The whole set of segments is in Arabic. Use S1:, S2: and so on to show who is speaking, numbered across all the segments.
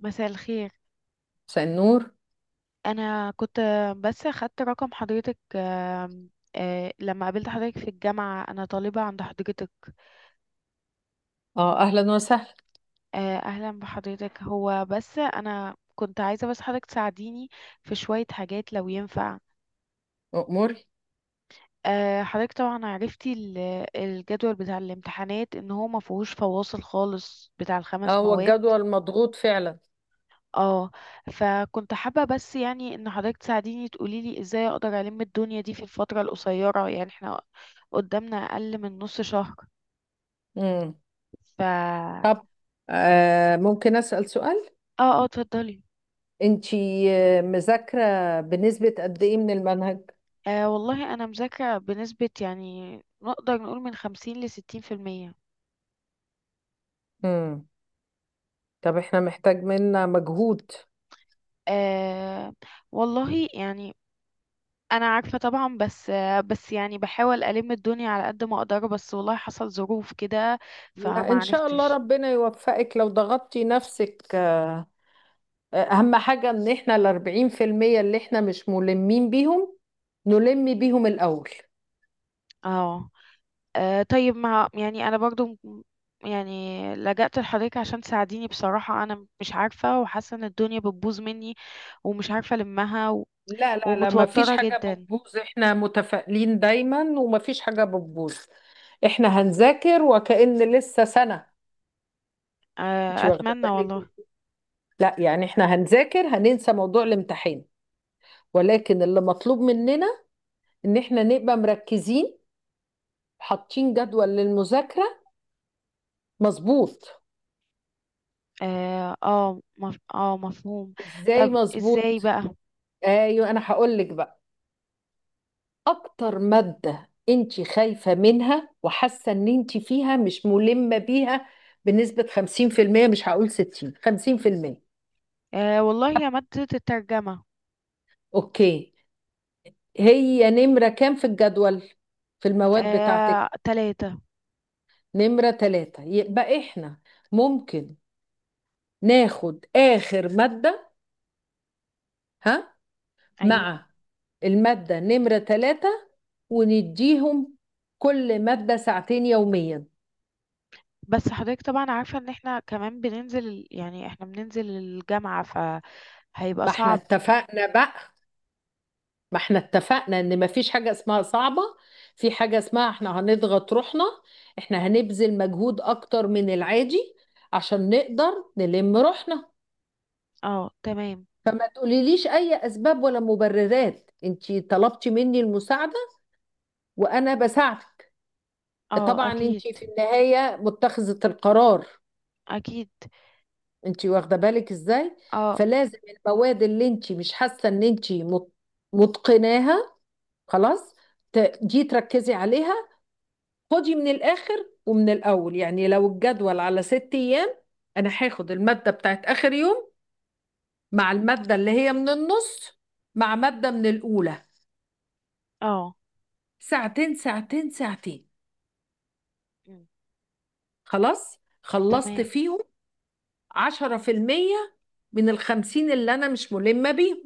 S1: مساء الخير.
S2: مساء النور.
S1: انا كنت بس اخدت رقم حضرتك، آم، آه، لما قابلت حضرتك في الجامعة، انا طالبة عند حضرتك.
S2: اه، اهلا وسهلا.
S1: اهلا بحضرتك. هو بس انا كنت عايزة بس حضرتك تساعديني في شوية حاجات لو ينفع.
S2: اموري.
S1: حضرتك طبعا عرفتي الجدول بتاع الامتحانات ان هو ما فيهوش فواصل خالص بتاع
S2: اه،
S1: الخمس
S2: هو
S1: مواد.
S2: الجدول مضغوط فعلا.
S1: اه، فكنت حابة بس يعني ان حضرتك تساعديني تقولي لي ازاي اقدر الم الدنيا دي في الفترة القصيرة. يعني احنا قدامنا اقل من نص شهر.
S2: امم.
S1: ف اه
S2: طب، ممكن اسال سؤال؟
S1: اه، اتفضلي.
S2: انتي مذاكره بنسبه قد ايه من المنهج؟
S1: والله انا مذاكرة بنسبة، يعني نقدر نقول من 50-60%.
S2: امم. طب، احنا محتاج منا مجهود.
S1: آه والله يعني انا عارفة طبعا، بس بس يعني بحاول الم الدنيا على قد ما اقدر، بس والله حصل ظروف كده
S2: لا،
S1: فما
S2: ان شاء الله
S1: عرفتش.
S2: ربنا يوفقك لو ضغطتي نفسك. اهم حاجه ان احنا ال 40% اللي احنا مش ملمين بيهم نلم بيهم الاول.
S1: اه. آه طيب ما يعني انا برضو م- يعني لجأت لحضرتك عشان تساعديني. بصراحة انا مش عارفة وحاسة ان الدنيا بتبوظ مني، ومش عارفة المها
S2: لا لا لا، ما فيش
S1: ومتوترة
S2: حاجة
S1: جدا.
S2: بتبوظ. احنا متفائلين دايما وما فيش حاجة بتبوظ. احنا هنذاكر وكأن لسه سنة. انت واخدة
S1: اتمنى
S2: بالك؟
S1: والله.
S2: لا يعني احنا هنذاكر، هننسى موضوع الامتحان، ولكن اللي مطلوب مننا ان احنا نبقى مركزين حاطين جدول للمذاكرة مظبوط.
S1: اه اه مف... آه، مفهوم.
S2: ازاي
S1: طب ازاي
S2: مظبوط؟
S1: بقى؟
S2: ايوه انا هقول لك بقى. اكتر مادة انت خايفة منها وحاسة ان انت فيها مش ملمة بيها بنسبة 50%؟ مش هقول 60، 50%.
S1: والله يا مادة الترجمة.
S2: اوكي، هي نمرة كام في الجدول في المواد بتاعتك؟
S1: تلاتة.
S2: نمرة ثلاثة. يبقى احنا ممكن ناخد اخر مادة، ها،
S1: ايوه.
S2: مع المادة نمرة ثلاثة، ونديهم كل مادة ساعتين يوميا.
S1: بس حضرتك طبعا عارفة ان احنا كمان بننزل يعني احنا بننزل الجامعة فهيبقى
S2: ما احنا
S1: صعب.
S2: اتفقنا بقى، ما احنا اتفقنا ان ما فيش حاجة اسمها صعبة. في حاجة اسمها احنا هنضغط روحنا، احنا هنبذل مجهود اكتر من العادي عشان نقدر نلم روحنا.
S1: اه تمام.
S2: فما تقوليليش اي اسباب ولا مبررات. انتي طلبتي مني المساعدة وانا بساعدك.
S1: اه
S2: طبعا
S1: اكيد.
S2: انتي في النهاية متخذة القرار.
S1: اكيد.
S2: انتي واخدة بالك ازاي؟
S1: اه
S2: فلازم المواد اللي انتي مش حاسة ان انتي متقناها، خلاص، دي تركزي عليها. خدي من الآخر ومن الأول، يعني لو الجدول على 6 أيام، أنا هاخد المادة بتاعت آخر يوم مع المادة اللي هي من النص مع مادة من الأولى.
S1: اه.
S2: ساعتين ساعتين ساعتين،
S1: مم.
S2: خلاص خلصت
S1: تمام.
S2: فيهم. 10% من الخمسين اللي أنا مش ملمة بيهم.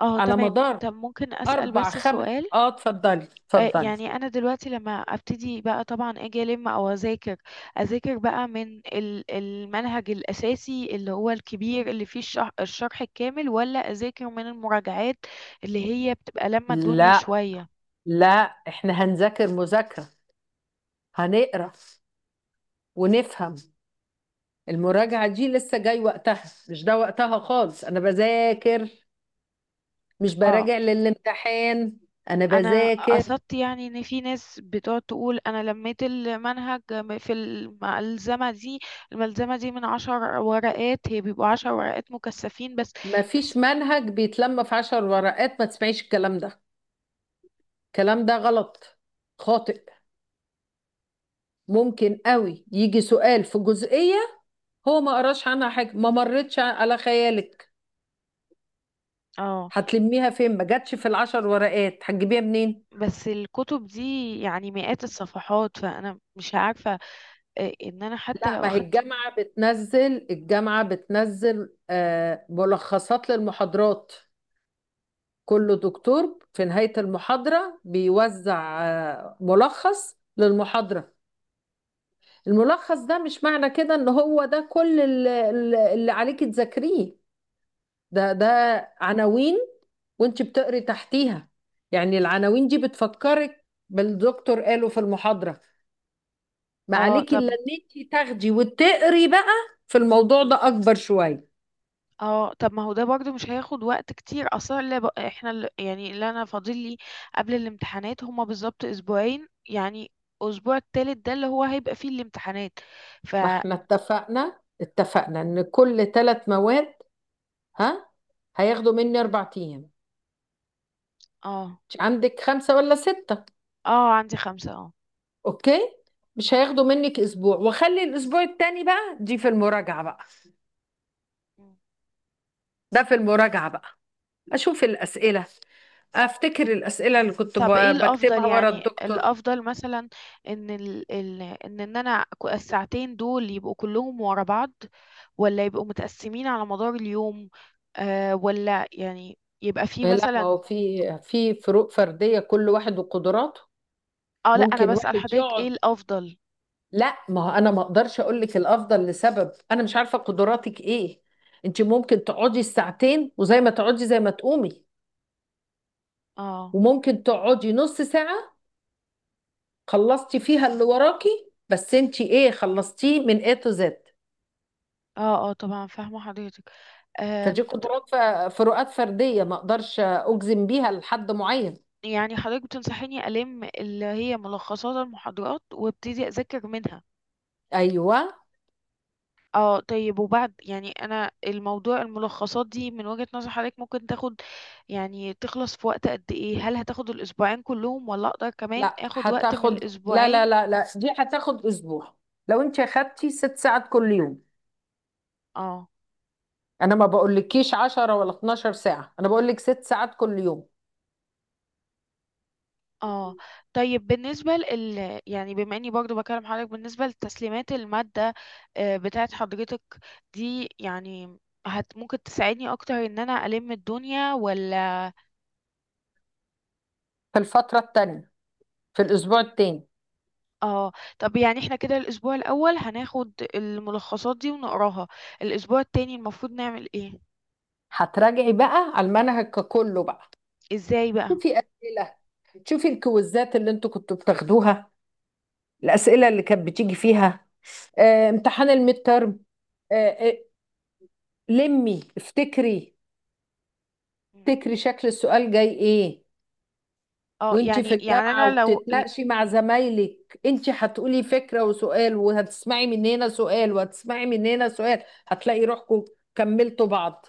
S1: اه
S2: على
S1: تمام،
S2: مدار
S1: طب ممكن اسال
S2: أربع
S1: بس
S2: خم
S1: سؤال؟
S2: آه اتفضلي، اتفضلي.
S1: يعني انا دلوقتي لما ابتدي بقى، طبعا اجي الم او اذاكر. اذاكر بقى من المنهج الاساسي اللي هو الكبير اللي فيه الشرح الكامل، ولا اذاكر من المراجعات اللي هي بتبقى لما الدنيا
S2: لا
S1: شوية؟
S2: لا، احنا هنذاكر مذاكرة، هنقرا ونفهم. المراجعة دي لسه جاي وقتها، مش ده وقتها خالص. أنا بذاكر مش
S1: اه.
S2: براجع للامتحان. أنا
S1: انا
S2: بذاكر.
S1: قصدت يعني ان في ناس بتقعد تقول انا لميت المنهج في الملزمه دي. الملزمه دي من 10 ورقات، هي بيبقوا 10 ورقات مكثفين بس.
S2: مفيش
S1: بس.
S2: منهج بيتلم في 10 ورقات، ما تسمعيش الكلام ده. الكلام ده غلط، خاطئ. ممكن قوي يجي سؤال في جزئية هو ما قراش عنها حاجة، ما مرتش على خيالك،
S1: اه.
S2: هتلميها فين؟ ما جاتش في ال10 ورقات، هتجيبيها منين؟
S1: بس الكتب دي يعني مئات الصفحات، فانا مش عارفه ان انا حتى
S2: لا،
S1: لو
S2: ما هي
S1: اخدت.
S2: الجامعة بتنزل، الجامعة بتنزل ملخصات للمحاضرات. كل دكتور في نهاية المحاضرة بيوزع ملخص للمحاضرة. الملخص ده مش معنى كده ان هو ده كل اللي عليك تذاكريه. ده عناوين، وانت بتقري تحتيها. يعني العناوين دي بتفكرك بالدكتور قاله في المحاضرة. ما
S1: اه
S2: عليكي
S1: طب.
S2: الا ان انت تاخدي وتقري بقى في الموضوع ده اكبر شوية.
S1: اه طب، ما هو ده برضو مش هياخد وقت كتير اصلا. اللي ب... احنا اللي... يعني اللي انا فاضل لي قبل الامتحانات هما بالظبط اسبوعين يعني. اسبوع التالت ده اللي هو هيبقى فيه الامتحانات. ف
S2: ما احنا اتفقنا ان كل 3 مواد، ها، هياخدوا مني 4 ايام.
S1: اه
S2: مش عندك خمسة ولا ستة؟
S1: اه، عندي خمسة اه.
S2: أوكي، مش هياخدوا منك أسبوع. وخلي الأسبوع التاني بقى دي في المراجعة بقى
S1: مم.
S2: ده في المراجعة بقى. أشوف الأسئلة، أفتكر الأسئلة اللي كنت
S1: طب ايه الافضل؟
S2: بكتبها ورا
S1: يعني
S2: الدكتور.
S1: الافضل مثلا ان ال... ال... ان ان انا الساعتين دول يبقوا كلهم ورا بعض، ولا يبقوا متقسمين على مدار اليوم؟ ولا يعني يبقى فيه
S2: إيه، لا ما
S1: مثلا...
S2: هو في فروق فردية، كل واحد وقدراته.
S1: اه لا، انا
S2: ممكن
S1: بسأل
S2: واحد
S1: حضرتك ايه
S2: يقعد.
S1: الافضل.
S2: لا ما هو، أنا ما أقدرش أقول لك الأفضل لسبب أنا مش عارفة قدراتك إيه. أنت ممكن تقعدي الساعتين وزي ما تقعدي زي ما تقومي،
S1: اه
S2: وممكن تقعدي نص ساعة خلصتي فيها اللي وراكي. بس انت ايه خلصتيه من A to Z؟
S1: اه اه، طبعا فاهمة حضرتك.
S2: فدي
S1: آم،
S2: قدرات، فروقات فردية، ما اقدرش اجزم بيها لحد معين.
S1: يعني حضرتك بتنصحيني ألم اللي هي ملخصات المحاضرات وابتدي أذاكر منها؟
S2: ايوه.
S1: اه طيب. وبعد يعني أنا، الموضوع الملخصات دي من وجهة نظر حضرتك ممكن تاخد، يعني تخلص في وقت قد ايه؟ هل هتاخد الأسبوعين كلهم، ولا أقدر كمان
S2: لا
S1: أخد وقت من
S2: هتاخد لا لا
S1: الأسبوعين؟
S2: لا لا، دي هتاخد اسبوع لو انت اخدتي 6 ساعات كل يوم.
S1: اه
S2: انا ما بقولكيش 10 ولا 12 ساعة، انا بقولك 6 ساعات كل يوم.
S1: اه. طيب بالنسبة لل، يعني بما اني برضو بكلم حضرتك، بالنسبة لتسليمات المادة بتاعت حضرتك دي، يعني ممكن تساعدني اكتر ان انا الم الدنيا ولا...
S2: في الفترة التانية، في الاسبوع التاني،
S1: اه طب، يعني احنا كده الاسبوع الاول هناخد الملخصات دي ونقراها. الاسبوع التاني المفروض نعمل ايه؟
S2: هتراجعي بقى على المنهج ككله بقى.
S1: ازاي بقى؟
S2: شوفي اسئلة، شوفي الكويزات اللي انتوا كنتوا بتاخدوها، الأسئلة اللي كانت بتيجي فيها، امتحان الميد ترم. لمي، افتكري،
S1: مم.
S2: افتكري شكل السؤال جاي ايه.
S1: اه
S2: وانت في
S1: يعني
S2: الجامعة
S1: انا لو...
S2: وبتتناقشي مع زمايلك، انت هتقولي فكرة وسؤال، وهتسمعي من هنا سؤال وهتسمعي من هنا سؤال. هتلاقي روحكم كملتوا بعض.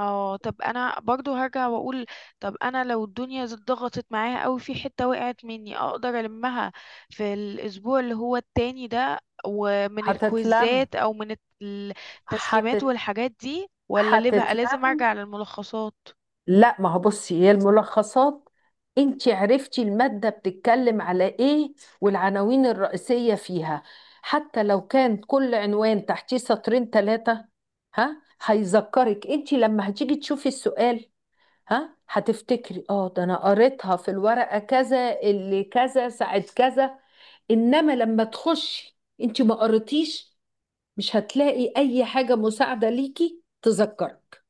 S1: اه طب انا برضو هرجع واقول، طب انا لو الدنيا ضغطت معايا قوي في حتة وقعت مني، اقدر المها في الاسبوع اللي هو التاني ده، ومن
S2: هتتلم.
S1: الكويزات او من التسليمات
S2: هتت...
S1: والحاجات دي، ولا اللي بقى لازم
S2: هتتلم.
S1: ارجع للملخصات؟
S2: لا ما هو، بصي، هي الملخصات، انت عرفتي المادة بتتكلم على ايه والعناوين الرئيسية فيها. حتى لو كان كل عنوان تحتيه سطرين ثلاثة، ها هيذكرك انت لما هتيجي تشوفي السؤال. ها هتفتكري اه ده انا قريتها في الورقة كذا، اللي كذا ساعة كذا. انما لما تخشي انت ما قريتيش، مش هتلاقي اي حاجة مساعدة ليكي تذكرك.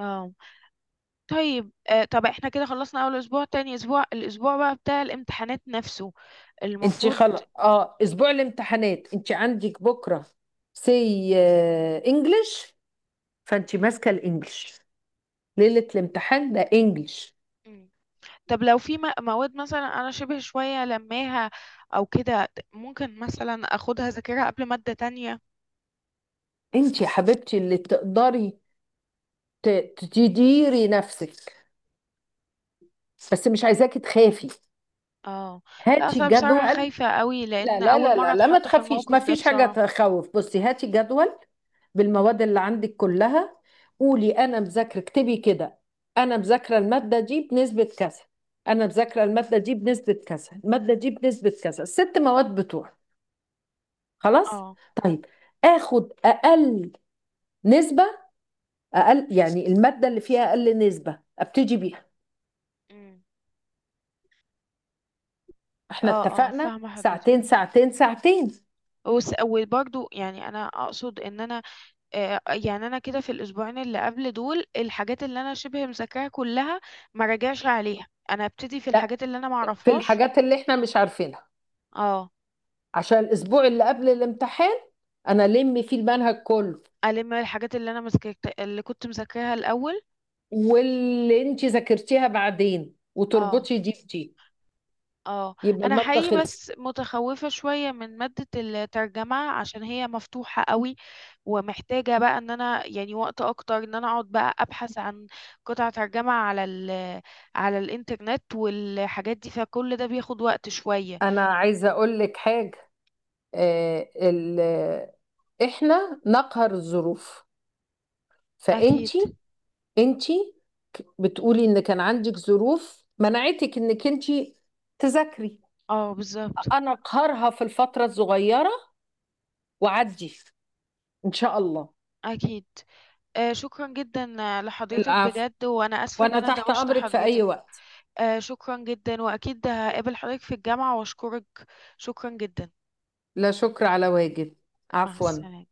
S1: اه طيب. طب احنا كده خلصنا اول اسبوع، تاني اسبوع، الاسبوع بقى بتاع الامتحانات نفسه
S2: انت
S1: المفروض.
S2: خلاص، اه، اسبوع الامتحانات انت عندك بكره سي انجلش. فانت ماسكه الانجلش. ليله الامتحان ده انجلش.
S1: طب لو في مواد مثلا انا شبه شوية لماها او كده، ممكن مثلا اخدها ذاكرها قبل مادة تانية.
S2: انت يا حبيبتي اللي تقدري تديري نفسك. بس مش عايزاكي تخافي.
S1: اه لا
S2: هاتي
S1: اصل أنا بصراحة
S2: جدول.
S1: خايفة قوي،
S2: لا
S1: لان
S2: لا
S1: اول
S2: لا
S1: مرة
S2: لا لا، ما
S1: اتحط في
S2: تخافيش، ما
S1: الموقف ده
S2: فيش حاجه
S1: بصراحة.
S2: تخوف. بصي، هاتي جدول بالمواد اللي عندك كلها. قولي انا مذاكره، اكتبي كده، انا مذاكره الماده دي بنسبه كذا، انا مذاكره الماده دي بنسبه كذا، الماده دي بنسبه كذا، الست مواد بتوع. خلاص؟
S1: اه.
S2: طيب، اخد اقل نسبه، اقل يعني الماده اللي فيها اقل نسبه ابتدي بيها.
S1: أمم.
S2: احنا
S1: اه اه
S2: اتفقنا،
S1: فاهمة حضرتك.
S2: ساعتين ساعتين ساعتين.
S1: وبرضو يعني انا اقصد ان انا يعني انا كده في الاسبوعين اللي قبل دول، الحاجات اللي انا شبه مذاكراها كلها ما راجعش عليها، انا ابتدي في
S2: لا،
S1: الحاجات اللي انا ما
S2: في
S1: اعرفهاش.
S2: الحاجات اللي احنا مش عارفينها
S1: اه.
S2: عشان الاسبوع اللي قبل الامتحان انا لم فيه المنهج كله.
S1: الم الحاجات اللي انا مذاكرت، اللي كنت مذاكراها الاول.
S2: واللي انت ذاكرتيها بعدين
S1: اه
S2: وتربطي دي بدي،
S1: اه.
S2: يبقى
S1: انا
S2: المادة
S1: حقيقي
S2: خلصت.
S1: بس متخوفة شوية من مادة الترجمة عشان هي مفتوحة قوي، ومحتاجة بقى ان انا يعني وقت اكتر، ان انا اقعد بقى ابحث عن قطع ترجمة على الانترنت والحاجات دي، فكل ده بياخد وقت شوية.
S2: انا عايزة اقول لك حاجة. آه ال... آه، احنا نقهر الظروف. فانت
S1: اكيد.
S2: انت بتقولي ان كان عندك ظروف منعتك انك انت تذاكري،
S1: اه بالظبط.
S2: انا اقهرها في الفترة الصغيرة وعدي ان شاء الله.
S1: اكيد. شكرا جدا لحضرتك
S2: العفو،
S1: بجد، وانا اسفة ان
S2: وانا
S1: انا
S2: تحت
S1: دوشت
S2: امرك في اي
S1: حضرتك.
S2: وقت.
S1: شكرا جدا، واكيد هقابل حضرتك في الجامعة واشكرك. شكرا جدا.
S2: لا شكر على واجب،
S1: مع
S2: عفوا.
S1: السلامة.